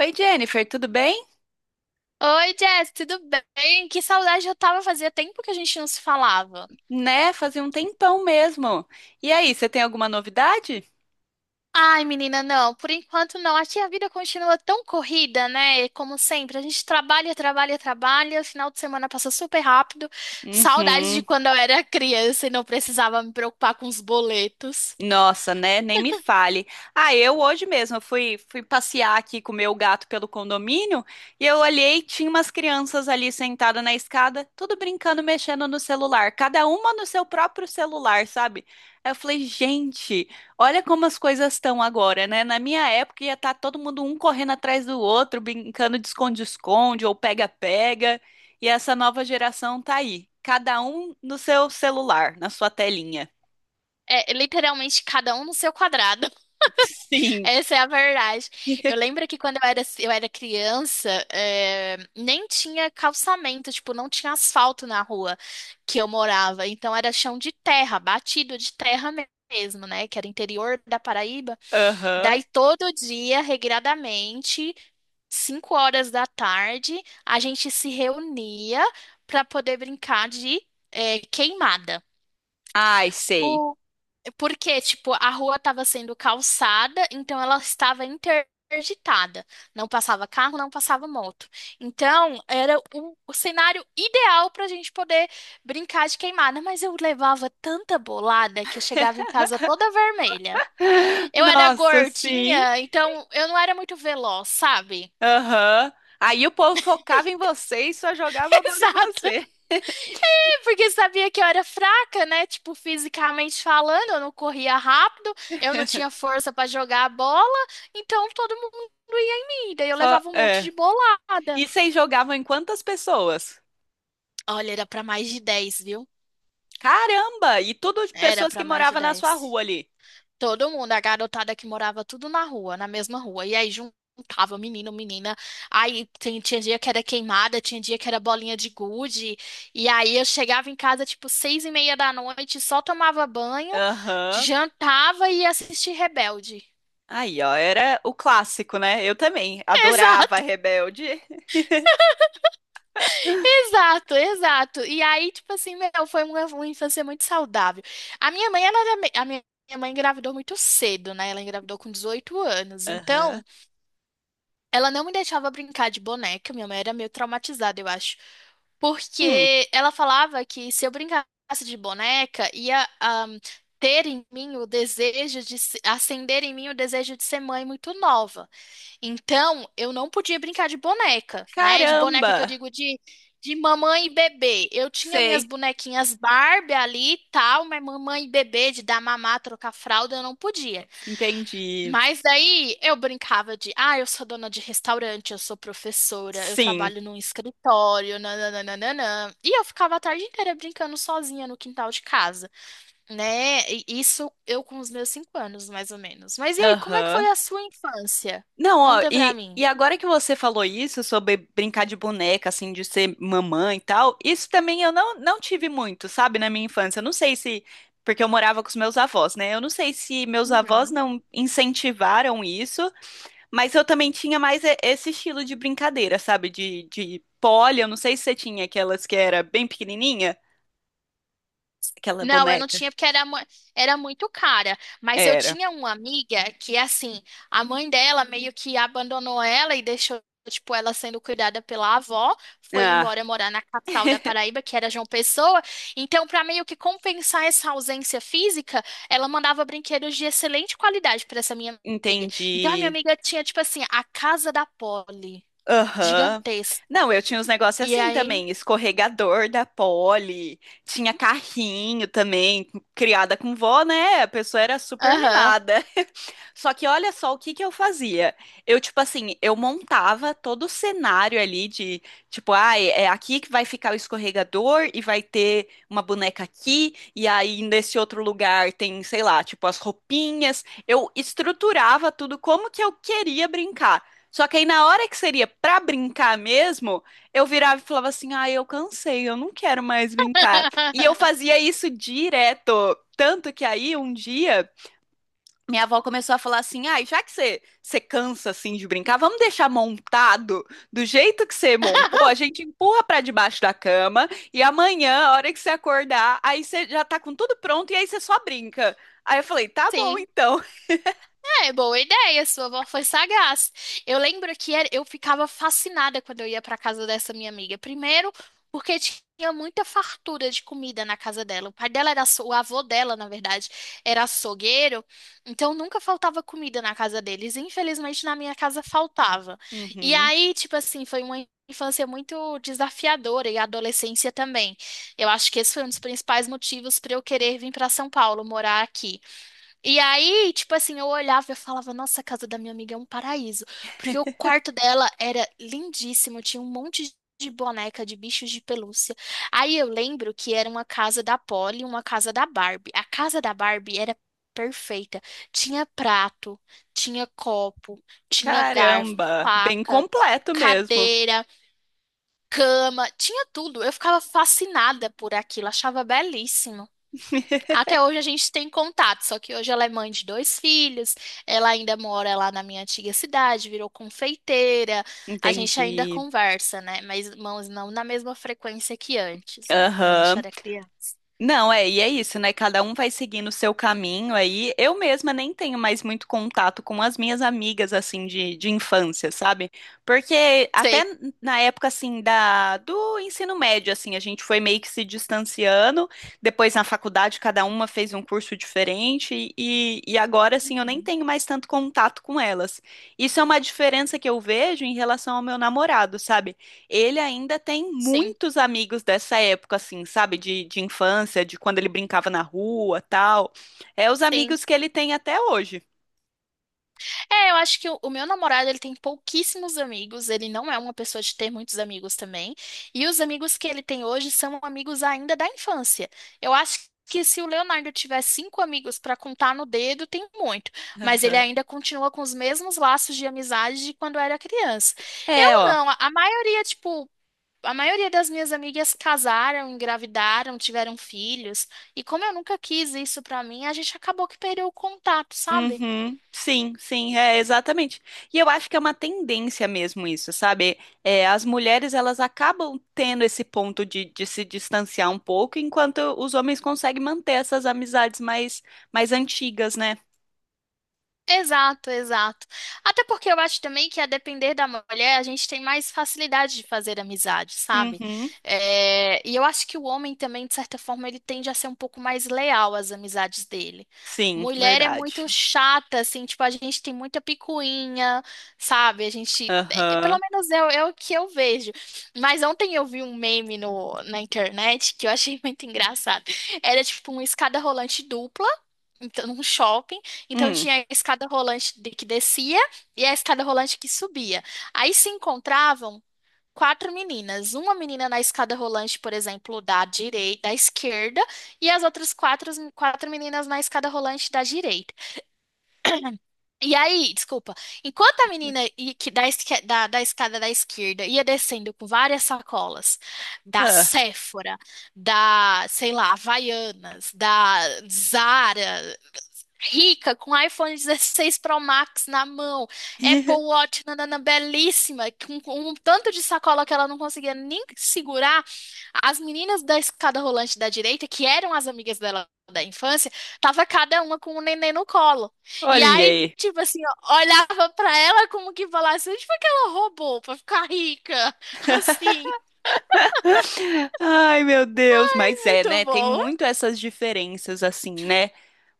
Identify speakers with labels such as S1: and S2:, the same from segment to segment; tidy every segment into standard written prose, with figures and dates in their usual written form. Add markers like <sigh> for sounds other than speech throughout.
S1: Oi, Jennifer, tudo bem?
S2: Oi, Jess, tudo bem? Que saudade eu tava, fazia tempo que a gente não se falava.
S1: Né? Fazia um tempão mesmo. E aí, você tem alguma novidade?
S2: Ai, menina, não, por enquanto não. Aqui a vida continua tão corrida, né? Como sempre, a gente trabalha, trabalha, trabalha, o final de semana passa super rápido. Saudades de
S1: Uhum.
S2: quando eu era criança e não precisava me preocupar com os boletos.
S1: Nossa, né? Nem me fale. Ah, eu hoje mesmo eu fui passear aqui com o meu gato pelo condomínio e eu olhei, tinha umas crianças ali sentadas na escada, tudo brincando, mexendo no celular, cada uma no seu próprio celular, sabe? Aí eu falei, gente, olha como as coisas estão agora, né? Na minha época ia estar todo mundo um correndo atrás do outro, brincando de esconde-esconde ou pega-pega, e essa nova geração tá aí, cada um no seu celular, na sua telinha.
S2: É, literalmente cada um no seu quadrado.
S1: <laughs> Sim.
S2: Essa é a verdade. Eu
S1: <laughs>
S2: lembro que quando eu era criança, nem tinha calçamento, tipo, não tinha asfalto na rua que eu morava. Então era chão de terra, batido de terra mesmo, né? Que era interior da Paraíba.
S1: Aham.
S2: Daí todo dia, regradamente, 5 horas da tarde, a gente se reunia para poder brincar de queimada.
S1: Ai, sei.
S2: Porque, tipo, a rua estava sendo calçada, então ela estava interditada. Não passava carro, não passava moto. Então, era o cenário ideal para a gente poder brincar de queimada. Mas eu levava tanta bolada que eu chegava em casa toda vermelha.
S1: <laughs>
S2: Eu era
S1: Nossa, sim.
S2: gordinha, então eu não era muito veloz, sabe?
S1: Aham. Aí o povo focava em você e só jogava a
S2: <laughs>
S1: bola em
S2: Sabe?
S1: você.
S2: Porque sabia que eu era fraca, né? Tipo, fisicamente falando, eu não corria rápido, eu não tinha força pra jogar a bola, então todo mundo ia em mim. Daí eu
S1: Só,
S2: levava um monte
S1: é.
S2: de bolada.
S1: E vocês jogavam em quantas pessoas?
S2: Olha, era pra mais de 10, viu?
S1: Caramba! E tudo de
S2: Era
S1: pessoas que
S2: pra mais de
S1: moravam na sua
S2: 10.
S1: rua ali.
S2: Todo mundo, a garotada que morava tudo na rua, na mesma rua. E aí juntava menino, menina. Aí tinha dia que era queimada, tinha dia que era bolinha de gude. E aí eu chegava em casa tipo 6:30 da noite, só tomava banho,
S1: Aham.
S2: jantava e ia assistir Rebelde.
S1: Aí, ó, era o clássico, né? Eu também
S2: <laughs>
S1: adorava
S2: Exato,
S1: Rebelde.
S2: exato, exato. E aí, tipo assim, meu, foi uma infância muito saudável. A minha mãe, ela, a minha mãe engravidou muito cedo, né? Ela engravidou com 18 anos.
S1: Aham.
S2: Então, ela não me deixava brincar de boneca, minha mãe era meio traumatizada, eu acho.
S1: Hum,
S2: Porque ela falava que se eu brincasse de boneca, ia ter em mim o desejo de se- acender em mim o desejo de ser mãe muito nova. Então, eu não podia brincar de boneca, né? De boneca que eu
S1: caramba!
S2: digo de mamãe e bebê. Eu tinha minhas
S1: Sei.
S2: bonequinhas Barbie ali e tal, mas mamãe e bebê, de dar mamar, trocar fralda, eu não podia.
S1: Entendi.
S2: Mas daí eu brincava de, ah, eu sou dona de restaurante, eu sou professora, eu
S1: Sim.
S2: trabalho num escritório, nananana. E eu ficava a tarde inteira brincando sozinha no quintal de casa, né? E isso eu com os meus 5 anos, mais ou menos. Mas e aí, como é que foi
S1: Aham.
S2: a sua infância?
S1: Não, ó,
S2: Conta pra mim.
S1: e agora que você falou isso sobre brincar de boneca, assim, de ser mamãe e tal, isso também eu não tive muito, sabe, na minha infância. Eu não sei se. Porque eu morava com os meus avós, né? Eu não sei se meus avós
S2: Uhum.
S1: não incentivaram isso, mas eu também tinha mais esse estilo de brincadeira, sabe? De pole, eu não sei se você tinha aquelas que era bem pequenininha, aquela
S2: Não, eu não
S1: boneca.
S2: tinha porque era muito cara. Mas eu
S1: Era.
S2: tinha uma amiga que, assim, a mãe dela meio que abandonou ela e deixou, tipo, ela sendo cuidada pela avó. Foi
S1: Ah,
S2: embora morar na capital da Paraíba, que era João Pessoa. Então, para meio que compensar essa ausência física, ela mandava brinquedos de excelente qualidade para essa minha amiga. Então, a minha
S1: entendi.
S2: amiga tinha, tipo assim, a casa da Polly,
S1: Aham.
S2: gigantesca.
S1: Não, eu tinha uns negócios
S2: E
S1: assim
S2: aí.
S1: também, escorregador da Polly, tinha carrinho também, criada com vó, né? A pessoa era super
S2: Aham.
S1: mimada. <laughs> Só que olha só o que que eu fazia. Eu, tipo assim, eu montava todo o cenário ali de, tipo, ai, é aqui que vai ficar o escorregador e vai ter uma boneca aqui, e aí nesse outro lugar tem, sei lá, tipo, as roupinhas. Eu estruturava tudo como que eu queria brincar. Só que aí na hora que seria pra brincar mesmo, eu virava e falava assim: "Ah, eu cansei, eu não quero mais brincar". E eu
S2: <laughs>
S1: fazia isso direto, tanto que aí um dia minha avó começou a falar assim: ah, já que você cansa assim de brincar, vamos deixar montado do jeito que você montou, a gente empurra pra debaixo da cama e amanhã, a hora que você acordar, aí você já tá com tudo pronto e aí você só brinca". Aí eu falei: "Tá bom,
S2: Sim.
S1: então".
S2: É, boa ideia, sua avó foi sagaz. Eu lembro que era- eu ficava fascinada quando eu ia para casa dessa minha amiga. Primeiro, porque tinha muita fartura de comida na casa dela. O pai dela o avô dela, na verdade, era açougueiro, então nunca faltava comida na casa deles. Infelizmente, na minha casa faltava. E
S1: Uhum.
S2: aí, tipo assim, foi uma infância muito desafiadora e a adolescência também. Eu acho que esse foi um dos principais motivos para eu querer vir para São Paulo, morar aqui. E aí, tipo assim, eu olhava e eu falava, nossa, a casa da minha amiga é um paraíso. Porque o quarto dela era lindíssimo, tinha um monte de boneca de bichos de pelúcia. Aí eu lembro que era uma casa da Polly e uma casa da Barbie. A casa da Barbie era perfeita. Tinha prato, tinha copo, tinha garfo,
S1: Caramba, bem
S2: faca,
S1: completo mesmo.
S2: cadeira, cama, tinha tudo. Eu ficava fascinada por aquilo, achava belíssimo.
S1: <laughs>
S2: Até hoje a gente tem contato, só que hoje ela é mãe de dois filhos, ela ainda mora lá na minha antiga cidade, virou confeiteira, a gente ainda
S1: Entendi.
S2: conversa, né? Mas mãos não na mesma frequência que antes, né? Quando a gente
S1: Aham.
S2: era criança.
S1: Não, é, e é isso, né? Cada um vai seguindo o seu caminho aí. Eu mesma nem tenho mais muito contato com as minhas amigas, assim, de infância, sabe? Porque até
S2: Sei.
S1: na época, assim, do ensino médio, assim, a gente foi meio que se distanciando. Depois, na faculdade, cada uma fez um curso diferente. E agora, assim, eu nem
S2: Uhum.
S1: tenho mais tanto contato com elas. Isso é uma diferença que eu vejo em relação ao meu namorado, sabe? Ele ainda tem
S2: Sim,
S1: muitos amigos dessa época, assim, sabe? De infância, de quando ele brincava na rua, tal. É os
S2: sim.
S1: amigos que ele tem até hoje.
S2: É, eu acho que o meu namorado, ele tem pouquíssimos amigos, ele não é uma pessoa de ter muitos amigos também, e os amigos que ele tem hoje são amigos ainda da infância. Eu acho que se o Leonardo tiver cinco amigos para contar no dedo, tem muito, mas ele ainda continua com os mesmos laços de amizade de quando era criança.
S1: É,
S2: Eu
S1: ó.
S2: não, a maioria, tipo, a maioria das minhas amigas casaram, engravidaram, tiveram filhos, e como eu nunca quis isso pra mim, a gente acabou que perdeu o contato, sabe?
S1: Uhum, sim, sim, é exatamente. E eu acho que é uma tendência mesmo isso, sabe? É, as mulheres elas acabam tendo esse ponto de se distanciar um pouco, enquanto os homens conseguem manter essas amizades mais, mais antigas, né?
S2: Exato, exato. Até porque eu acho também que, a depender da mulher, a gente tem mais facilidade de fazer amizade, sabe?
S1: Uhum,
S2: É, e eu acho que o homem também, de certa forma, ele tende a ser um pouco mais leal às amizades dele.
S1: sim,
S2: Mulher é muito
S1: verdade.
S2: chata, assim, tipo, a gente tem muita picuinha, sabe? A gente. É, pelo
S1: Aham.
S2: menos é, é o que eu vejo. Mas ontem eu vi um meme no, na internet que eu achei muito engraçado. Era tipo uma escada rolante dupla então, num shopping. Então
S1: Hum.
S2: tinha a escada rolante que descia e a escada rolante que subia. Aí se encontravam quatro meninas, uma menina na escada rolante, por exemplo, da direita, da esquerda, e as outras quatro, quatro meninas na escada rolante da direita. E aí, desculpa, enquanto a menina i- que da, esque- da, da escada da esquerda ia descendo com várias sacolas da
S1: Ah.
S2: Sephora, da, sei lá, Havaianas, da Zara rica, com iPhone 16 Pro Max na mão, Apple
S1: <laughs>
S2: Watch, nanana, belíssima, com um tanto de sacola que ela não conseguia nem segurar, as meninas da escada rolante da direita, que eram as amigas dela da infância, tava cada uma com um neném no colo. E
S1: Olha
S2: aí,
S1: aí.
S2: tipo assim, ó, olhava pra ela como que falasse, onde foi que ela roubou pra ficar rica? <laughs> Assim,
S1: Ai, meu Deus, mas é,
S2: muito
S1: né? Tem
S2: bom.
S1: muito essas diferenças assim, né?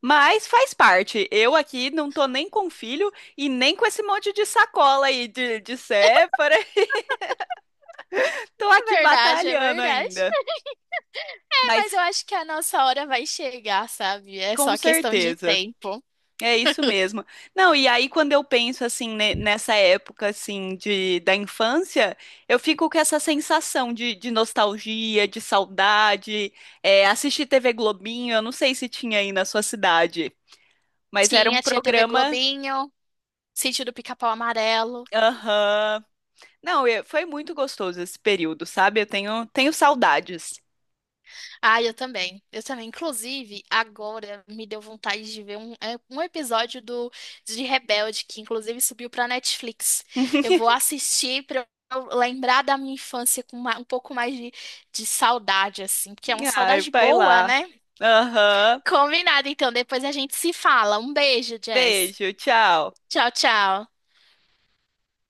S1: Mas faz parte. Eu aqui não tô nem com filho e nem com esse monte de sacola aí de sépara. <laughs> Tô aqui
S2: É verdade, é
S1: batalhando
S2: verdade.
S1: ainda.
S2: É, mas eu
S1: Mas
S2: acho que a nossa hora vai chegar, sabe? É
S1: com
S2: só questão de
S1: certeza.
S2: tempo.
S1: É isso mesmo. Não, e aí quando eu penso assim nessa época assim de da infância, eu fico com essa sensação de nostalgia, de saudade. É, assistir TV Globinho, eu não sei se tinha aí na sua cidade, mas era um
S2: Tinha, tinha TV
S1: programa.
S2: Globinho, Sítio do Pica-Pau Amarelo.
S1: Aham. Não, foi muito gostoso esse período, sabe? Eu tenho saudades.
S2: Ah, eu também. Eu também. Inclusive, agora me deu vontade de ver um, é, um episódio do de Rebelde, que inclusive subiu pra Netflix. Eu vou
S1: <laughs>
S2: assistir pra eu lembrar da minha infância com um pouco mais de saudade, assim, porque é uma
S1: Ai,
S2: saudade
S1: vai
S2: boa,
S1: lá.
S2: né?
S1: Aham.
S2: Combinado, então. Depois a gente se fala. Um beijo, Jess.
S1: Beijo, tchau.
S2: Tchau, tchau.